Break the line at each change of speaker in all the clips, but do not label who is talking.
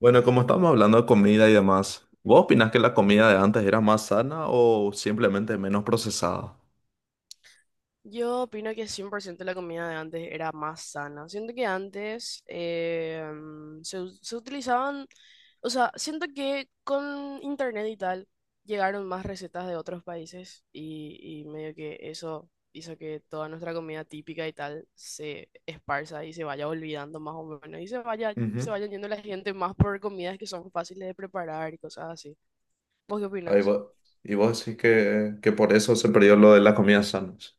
Bueno, como estamos hablando de comida y demás, ¿vos opinás que la comida de antes era más sana o simplemente menos procesada?
Yo opino que 100% la comida de antes era más sana. Siento que antes se utilizaban, o sea, siento que con internet y tal llegaron más recetas de otros países y medio que eso hizo que toda nuestra comida típica y tal se esparza y se vaya olvidando más o menos y se
Ujú.
vayan yendo la gente más por comidas que son fáciles de preparar y cosas así. ¿Vos qué
Ahí
opinas?
va. Y vos decís que por eso se perdió lo de las comidas sanas.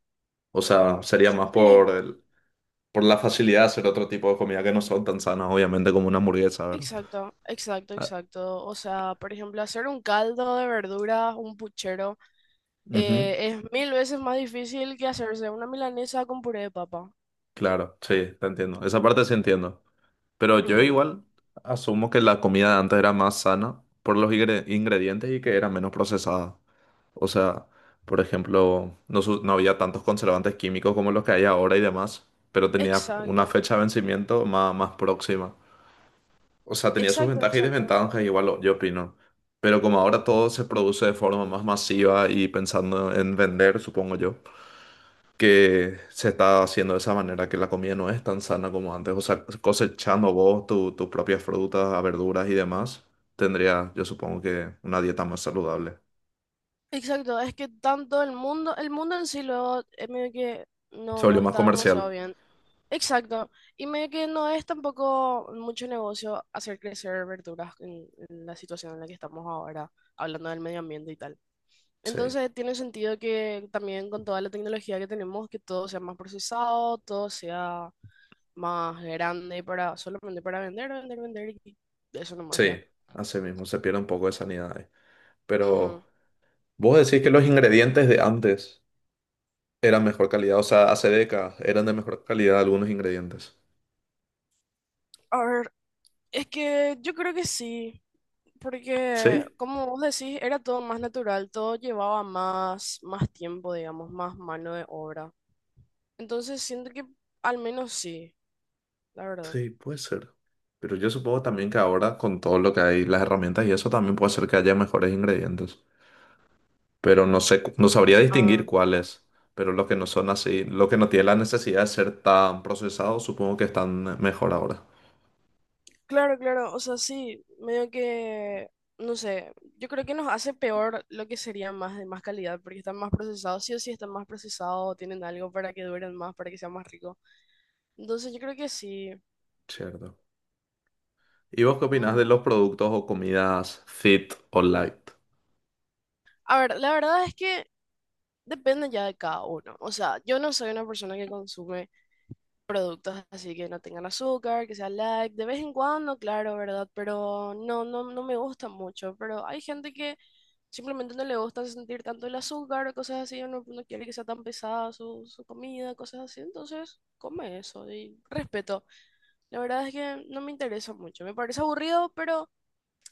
O sea, sería más por el, por la facilidad de hacer otro tipo de comida que no son tan sanas, obviamente, como una hamburguesa, ¿verdad?
Exacto, exacto,
Ah,
exacto. O sea, por ejemplo, hacer un caldo de verduras, un puchero,
ujú.
es mil veces más difícil que hacerse una milanesa con puré de papa.
Claro, sí, te entiendo. Esa parte sí entiendo. Pero yo
Ujú.
igual asumo que la comida de antes era más sana por los ingredientes y que era menos procesada. O sea, por ejemplo, no, no había tantos conservantes químicos como los que hay ahora y demás, pero tenía una
Exacto,
fecha de vencimiento más próxima. O sea, tenía sus
exacto,
ventajas y
exacto.
desventajas, igual, yo opino. Pero como ahora todo se produce de forma más masiva y pensando en vender, supongo yo, que se está haciendo de esa manera, que la comida no es tan sana como antes. O sea, cosechando vos tus propias frutas, verduras y demás, tendría, yo supongo que una dieta más saludable.
Exacto, es que tanto el mundo en sí luego es medio que
Se
no, no
volvió más
está demasiado
comercial.
bien. Exacto, y medio que no es tampoco mucho negocio hacer crecer verduras en la situación en la que estamos ahora, hablando del medio ambiente y tal.
Sí.
Entonces tiene sentido que también con toda la tecnología que tenemos, que todo sea más procesado, todo sea más grande para solamente para vender, vender, vender y eso nomás ya.
Sí, así mismo, se pierde un poco de sanidad ahí. Pero
Ujú.
vos decís que los ingredientes de antes eran mejor calidad, o sea, hace décadas eran de mejor calidad algunos ingredientes.
A ver, es que yo creo que sí, porque
Sí,
como vos decís, era todo más natural, todo llevaba más tiempo, digamos, más mano de obra. Entonces siento que al menos sí, la verdad.
sí, puede ser. Pero yo supongo también que ahora con todo lo que hay, las herramientas y eso también puede ser que haya mejores ingredientes. Pero no sé, no sabría distinguir
Ah, claro.
cuáles. Pero los que no son así, los que no tienen la necesidad de ser tan procesados, supongo que están mejor ahora.
Claro, claro, o sea, sí, medio que, no sé, yo creo que nos hace peor lo que sería más de más calidad, porque están más procesados, sí o sí están más procesados, tienen algo para que duren más, para que sea más rico. Entonces yo creo que sí.
Cierto. ¿Y vos qué opinás de los
Mm.
productos o comidas fit o light?
A ver, la verdad es que depende ya de cada uno. O sea, yo no soy una persona que consume productos así que no tengan azúcar, que sea light, de vez en cuando, claro, ¿verdad? Pero no, no, no me gusta mucho, pero hay gente que simplemente no le gusta sentir tanto el azúcar o cosas así, o no, no quiere que sea tan pesada su comida, cosas así, entonces come eso y respeto. La verdad es que no me interesa mucho, me parece aburrido, pero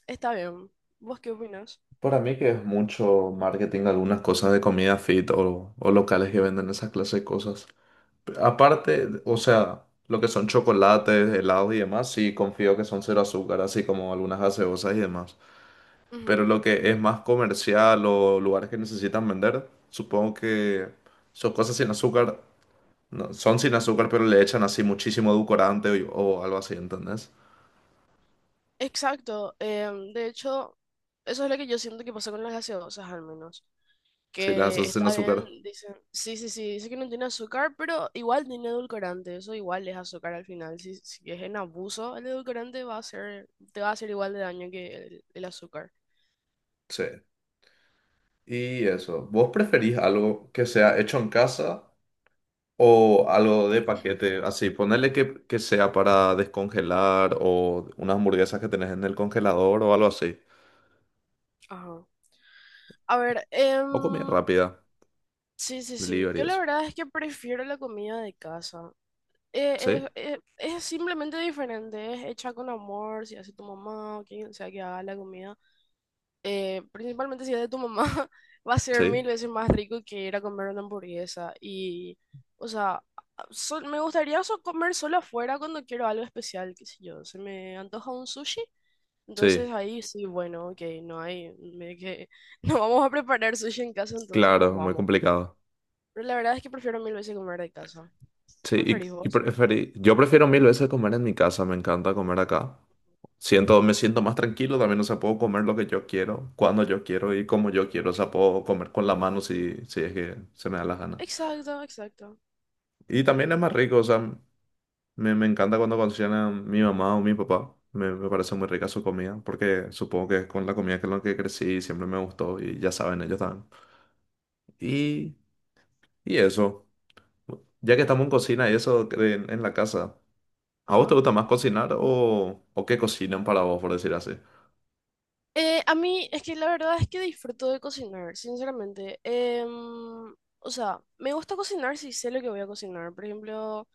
está bien. ¿Vos qué opinas?
Para mí que es mucho marketing, algunas cosas de comida fit o locales que venden esa clase de cosas. Aparte, o sea, lo que son chocolates, helados y demás, sí confío que son cero azúcar, así como algunas gaseosas y demás. Pero
Ujú.
lo que es más comercial o lugares que necesitan vender, supongo que son cosas sin azúcar, no, son sin azúcar, pero le echan así muchísimo edulcorante o algo así, ¿entendés?
Exacto, de hecho, eso es lo que yo siento que pasa con las gaseosas al menos.
Si las
Que
haces sin
está bien,
azúcar.
dicen. Sí, sí, sí, dice que no tiene azúcar, pero igual tiene edulcorante, eso igual es azúcar al final. Si es en abuso, el edulcorante te va a hacer igual de daño que el azúcar.
Sí. Y eso, ¿vos preferís algo que sea hecho en casa? O algo de paquete, así, ponerle que sea para descongelar o unas hamburguesas que tenés en el congelador o algo así.
Ajá. A ver,
O comida rápida,
sí, sí, sí,
delivery,
yo la
eso.
verdad es que prefiero la comida de casa. Eh,
Sí,
eh, eh, es simplemente diferente, es hecha con amor, si hace tu mamá o quien sea que haga la comida. Principalmente si es de tu mamá, va a ser
sí,
mil veces más rico que ir a comer una hamburguesa. Y, o sea, me gustaría comer solo afuera cuando quiero algo especial, qué sé yo. Se me antoja un sushi, entonces
sí.
ahí sí, bueno, ok, no hay, me, que, no vamos a preparar sushi en casa, entonces nos
Claro, muy
vamos.
complicado.
Pero la verdad es que prefiero mil veces comer de casa.
Sí,
¿Qué preferís vos?
yo prefiero mil veces comer en mi casa, me encanta comer acá. Siento, me siento más tranquilo también, o sea, puedo comer lo que yo quiero, cuando yo quiero y como yo quiero, o sea, puedo comer con la mano si es que se me da la gana.
Exacto, exacto.
Y también es más rico, o sea, me encanta cuando cocina mi mamá o mi papá. Me parece muy rica su comida, porque supongo que es con la comida que es lo que crecí, y siempre me gustó y ya saben, ellos también. Y, y eso, ya que estamos en cocina y eso en la casa, ¿a vos te
Ajá.
gusta más cocinar o qué cocinan para vos, por decir así?
A mí es que la verdad es que disfruto de cocinar, sinceramente. O sea, me gusta cocinar si sé lo que voy a cocinar. Por ejemplo,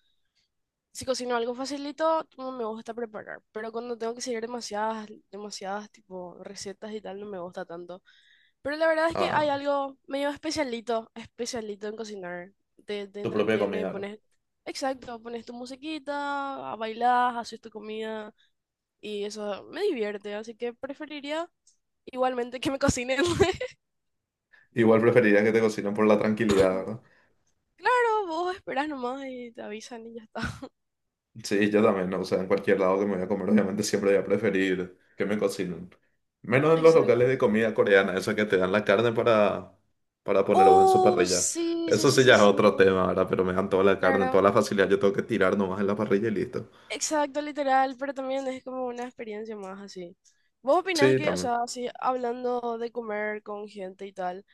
si cocino algo facilito, no me gusta preparar. Pero cuando tengo que seguir demasiadas tipo recetas y tal, no me gusta tanto. Pero la verdad es que hay
Ah,
algo medio especialito, especialito en cocinar. Te
tu propia
entretiene,
comida, ¿no?
pones, exacto, pones tu musiquita, bailás, haces tu comida y eso me divierte. Así que preferiría Igualmente que me cocinen.
Igual preferirías que te cocinen por la tranquilidad.
Claro, vos esperás nomás y te avisan y ya está.
Sí, yo también, ¿no? O sea, en cualquier lado que me voy a comer, obviamente siempre voy a preferir que me cocinen. Menos en los
Exacto.
locales de comida coreana, esa que te dan la carne para poner vos en su
Oh,
parrilla.
sí, sí,
Eso
sí,
sí
sí,
ya es
sí.
otro tema, ¿verdad? Pero me dan toda la carne,
Claro.
toda la facilidad, yo tengo que tirar nomás en la parrilla y listo.
Exacto, literal, pero también es como una experiencia más así. ¿Vos opinás
Sí,
que, o
también.
sea, así hablando de comer con gente y tal,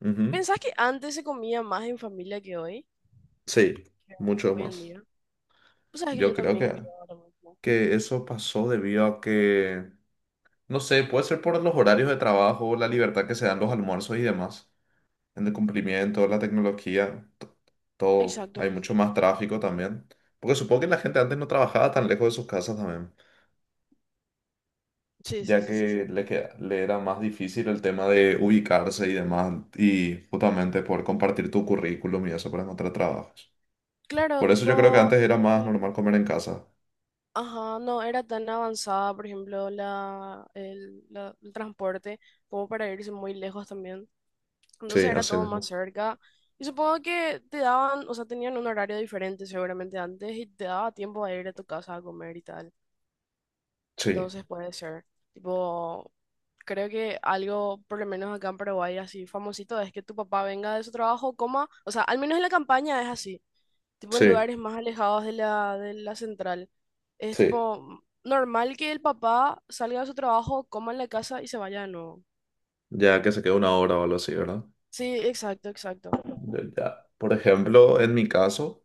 Ujú.
pensás que antes se comía más en familia que hoy?
Sí,
Que
mucho
hoy en
más.
día. Pues sabes que yo
Yo creo
también creo lo mismo.
que eso pasó debido a que, no sé, puede ser por los horarios de trabajo, la libertad que se dan los almuerzos y demás, en el cumplimiento, la tecnología. Todo.
Exacto.
Hay mucho más tráfico también. Porque supongo que la gente antes no trabajaba tan lejos de sus casas también,
Sí, sí,
ya
sí, sí,
que
sí.
le era más difícil el tema de ubicarse y demás, y justamente poder compartir tu currículum y eso para encontrar trabajos.
Claro,
Por eso
tipo,
yo creo que antes era
ponele que
más normal comer en casa.
Ajá, no era tan avanzada, por ejemplo, el transporte, como para irse muy lejos también. Entonces
Sí,
era
así
todo más
mismo.
cerca. Y supongo que te daban, o sea, tenían un horario diferente seguramente antes y te daba tiempo a ir a tu casa a comer y tal.
Sí,
Entonces puede ser. Tipo, creo que algo, por lo menos acá en Paraguay, así famosito, es que tu papá venga de su trabajo, coma, o sea, al menos en la campaña es así, tipo en
sí,
lugares más alejados de la central. Es
sí.
tipo normal que el papá salga de su trabajo, coma en la casa y se vaya de nuevo.
Ya que se queda 1 hora o algo así, ¿verdad?
Sí, exacto, exacto.
Yo ya. Por ejemplo, en mi caso.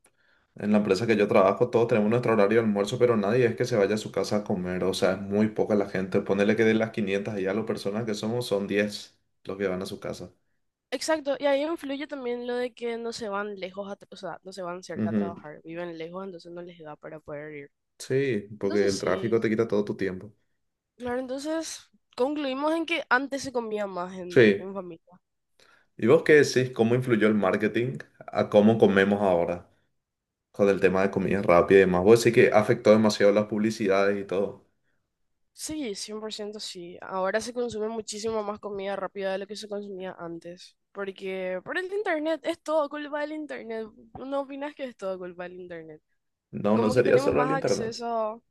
En la empresa que yo trabajo, todos tenemos nuestro horario de almuerzo, pero nadie es que se vaya a su casa a comer. O sea, es muy poca la gente. Ponele que de las 500 y las personas que somos, son 10 los que van a su casa.
Exacto, y ahí influye también lo de que no se van lejos, a tra- o sea, no se van cerca a
Ujú.
trabajar, viven lejos, entonces no les da para poder ir.
Sí, porque
Entonces
el tráfico
sí,
te quita todo tu tiempo.
claro, entonces concluimos en que antes se comía más en,
Sí.
en familia.
¿Y vos qué decís? ¿Cómo influyó el marketing a cómo comemos ahora? Con el tema de comida rápida y demás. Vos decís que afectó demasiado las publicidades y todo.
Sí, 100% sí. Ahora se consume muchísimo más comida rápida de lo que se consumía antes. Porque por el internet, es todo culpa del internet. ¿No opinas que es todo culpa del internet?
No, no
Como que
sería
tenemos
solo el
más
internet.
acceso.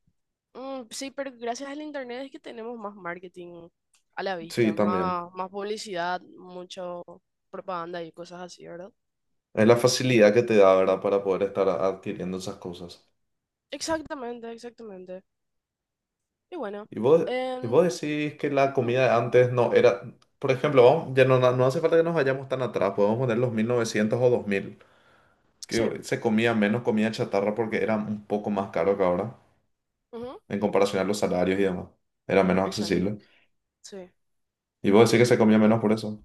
Mm, sí, pero gracias al internet es que tenemos más marketing a la
Sí,
vista,
también.
más publicidad, mucho propaganda y cosas así, ¿verdad?
Es la facilidad que te da, ¿verdad? Para poder estar adquiriendo esas cosas.
Exactamente, exactamente. Y bueno,
Y vos, y
em,
vos decís que la
mm,
comida de antes no era... Por ejemplo, ya no, no hace falta que nos vayamos tan atrás, podemos poner los 1900 o 2000
sí,
que se comía menos comida chatarra porque era un poco más caro que ahora,
ujú,
en comparación a los salarios y demás. Era menos
exacto,
accesible.
sí.
Y vos decís que se comía menos por eso.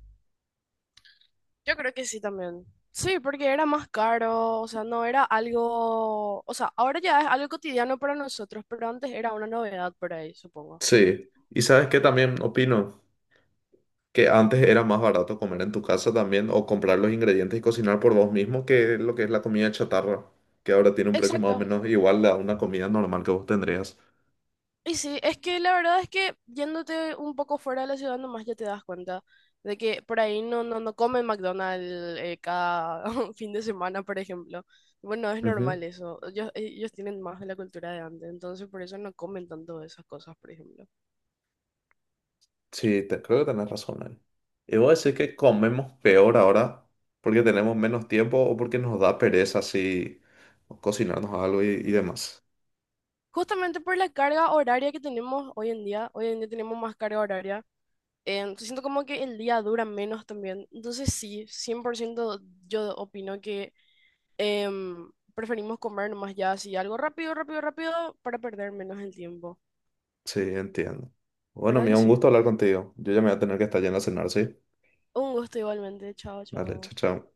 Yo creo que sí también. Sí, porque era más caro, o sea, no era algo, o sea, ahora ya es algo cotidiano para nosotros, pero antes era una novedad por ahí, supongo.
Sí. Y sabes que también opino que antes era más barato comer en tu casa también o comprar los ingredientes y cocinar por vos mismo que lo que es la comida chatarra, que ahora tiene un precio más o
Exacto,
menos igual a una comida normal que vos tendrías.
y sí, es que la verdad es que yéndote un poco fuera de la ciudad nomás ya te das cuenta de que por ahí no, no, no comen McDonald's cada fin de semana, por ejemplo. Bueno, es normal eso. Ellos tienen más de la cultura de antes, entonces por eso no comen tanto de esas cosas, por ejemplo.
Sí, creo que tenés razón ahí. Y voy a decir que comemos peor ahora porque tenemos menos tiempo o porque nos da pereza así cocinarnos algo y demás.
Justamente por la carga horaria que tenemos hoy en día tenemos más carga horaria. Siento como que el día dura menos también. Entonces sí, 100% yo opino que Preferimos comer nomás ya así, algo rápido, rápido, rápido, para perder menos el tiempo.
Sí, entiendo. Bueno,
¿Verdad que
mira, un
sí?
gusto hablar contigo. Yo ya me voy a tener que estar yendo a cenar, ¿sí?
Un gusto igualmente. Chao,
Dale,
chao.
chao, chao.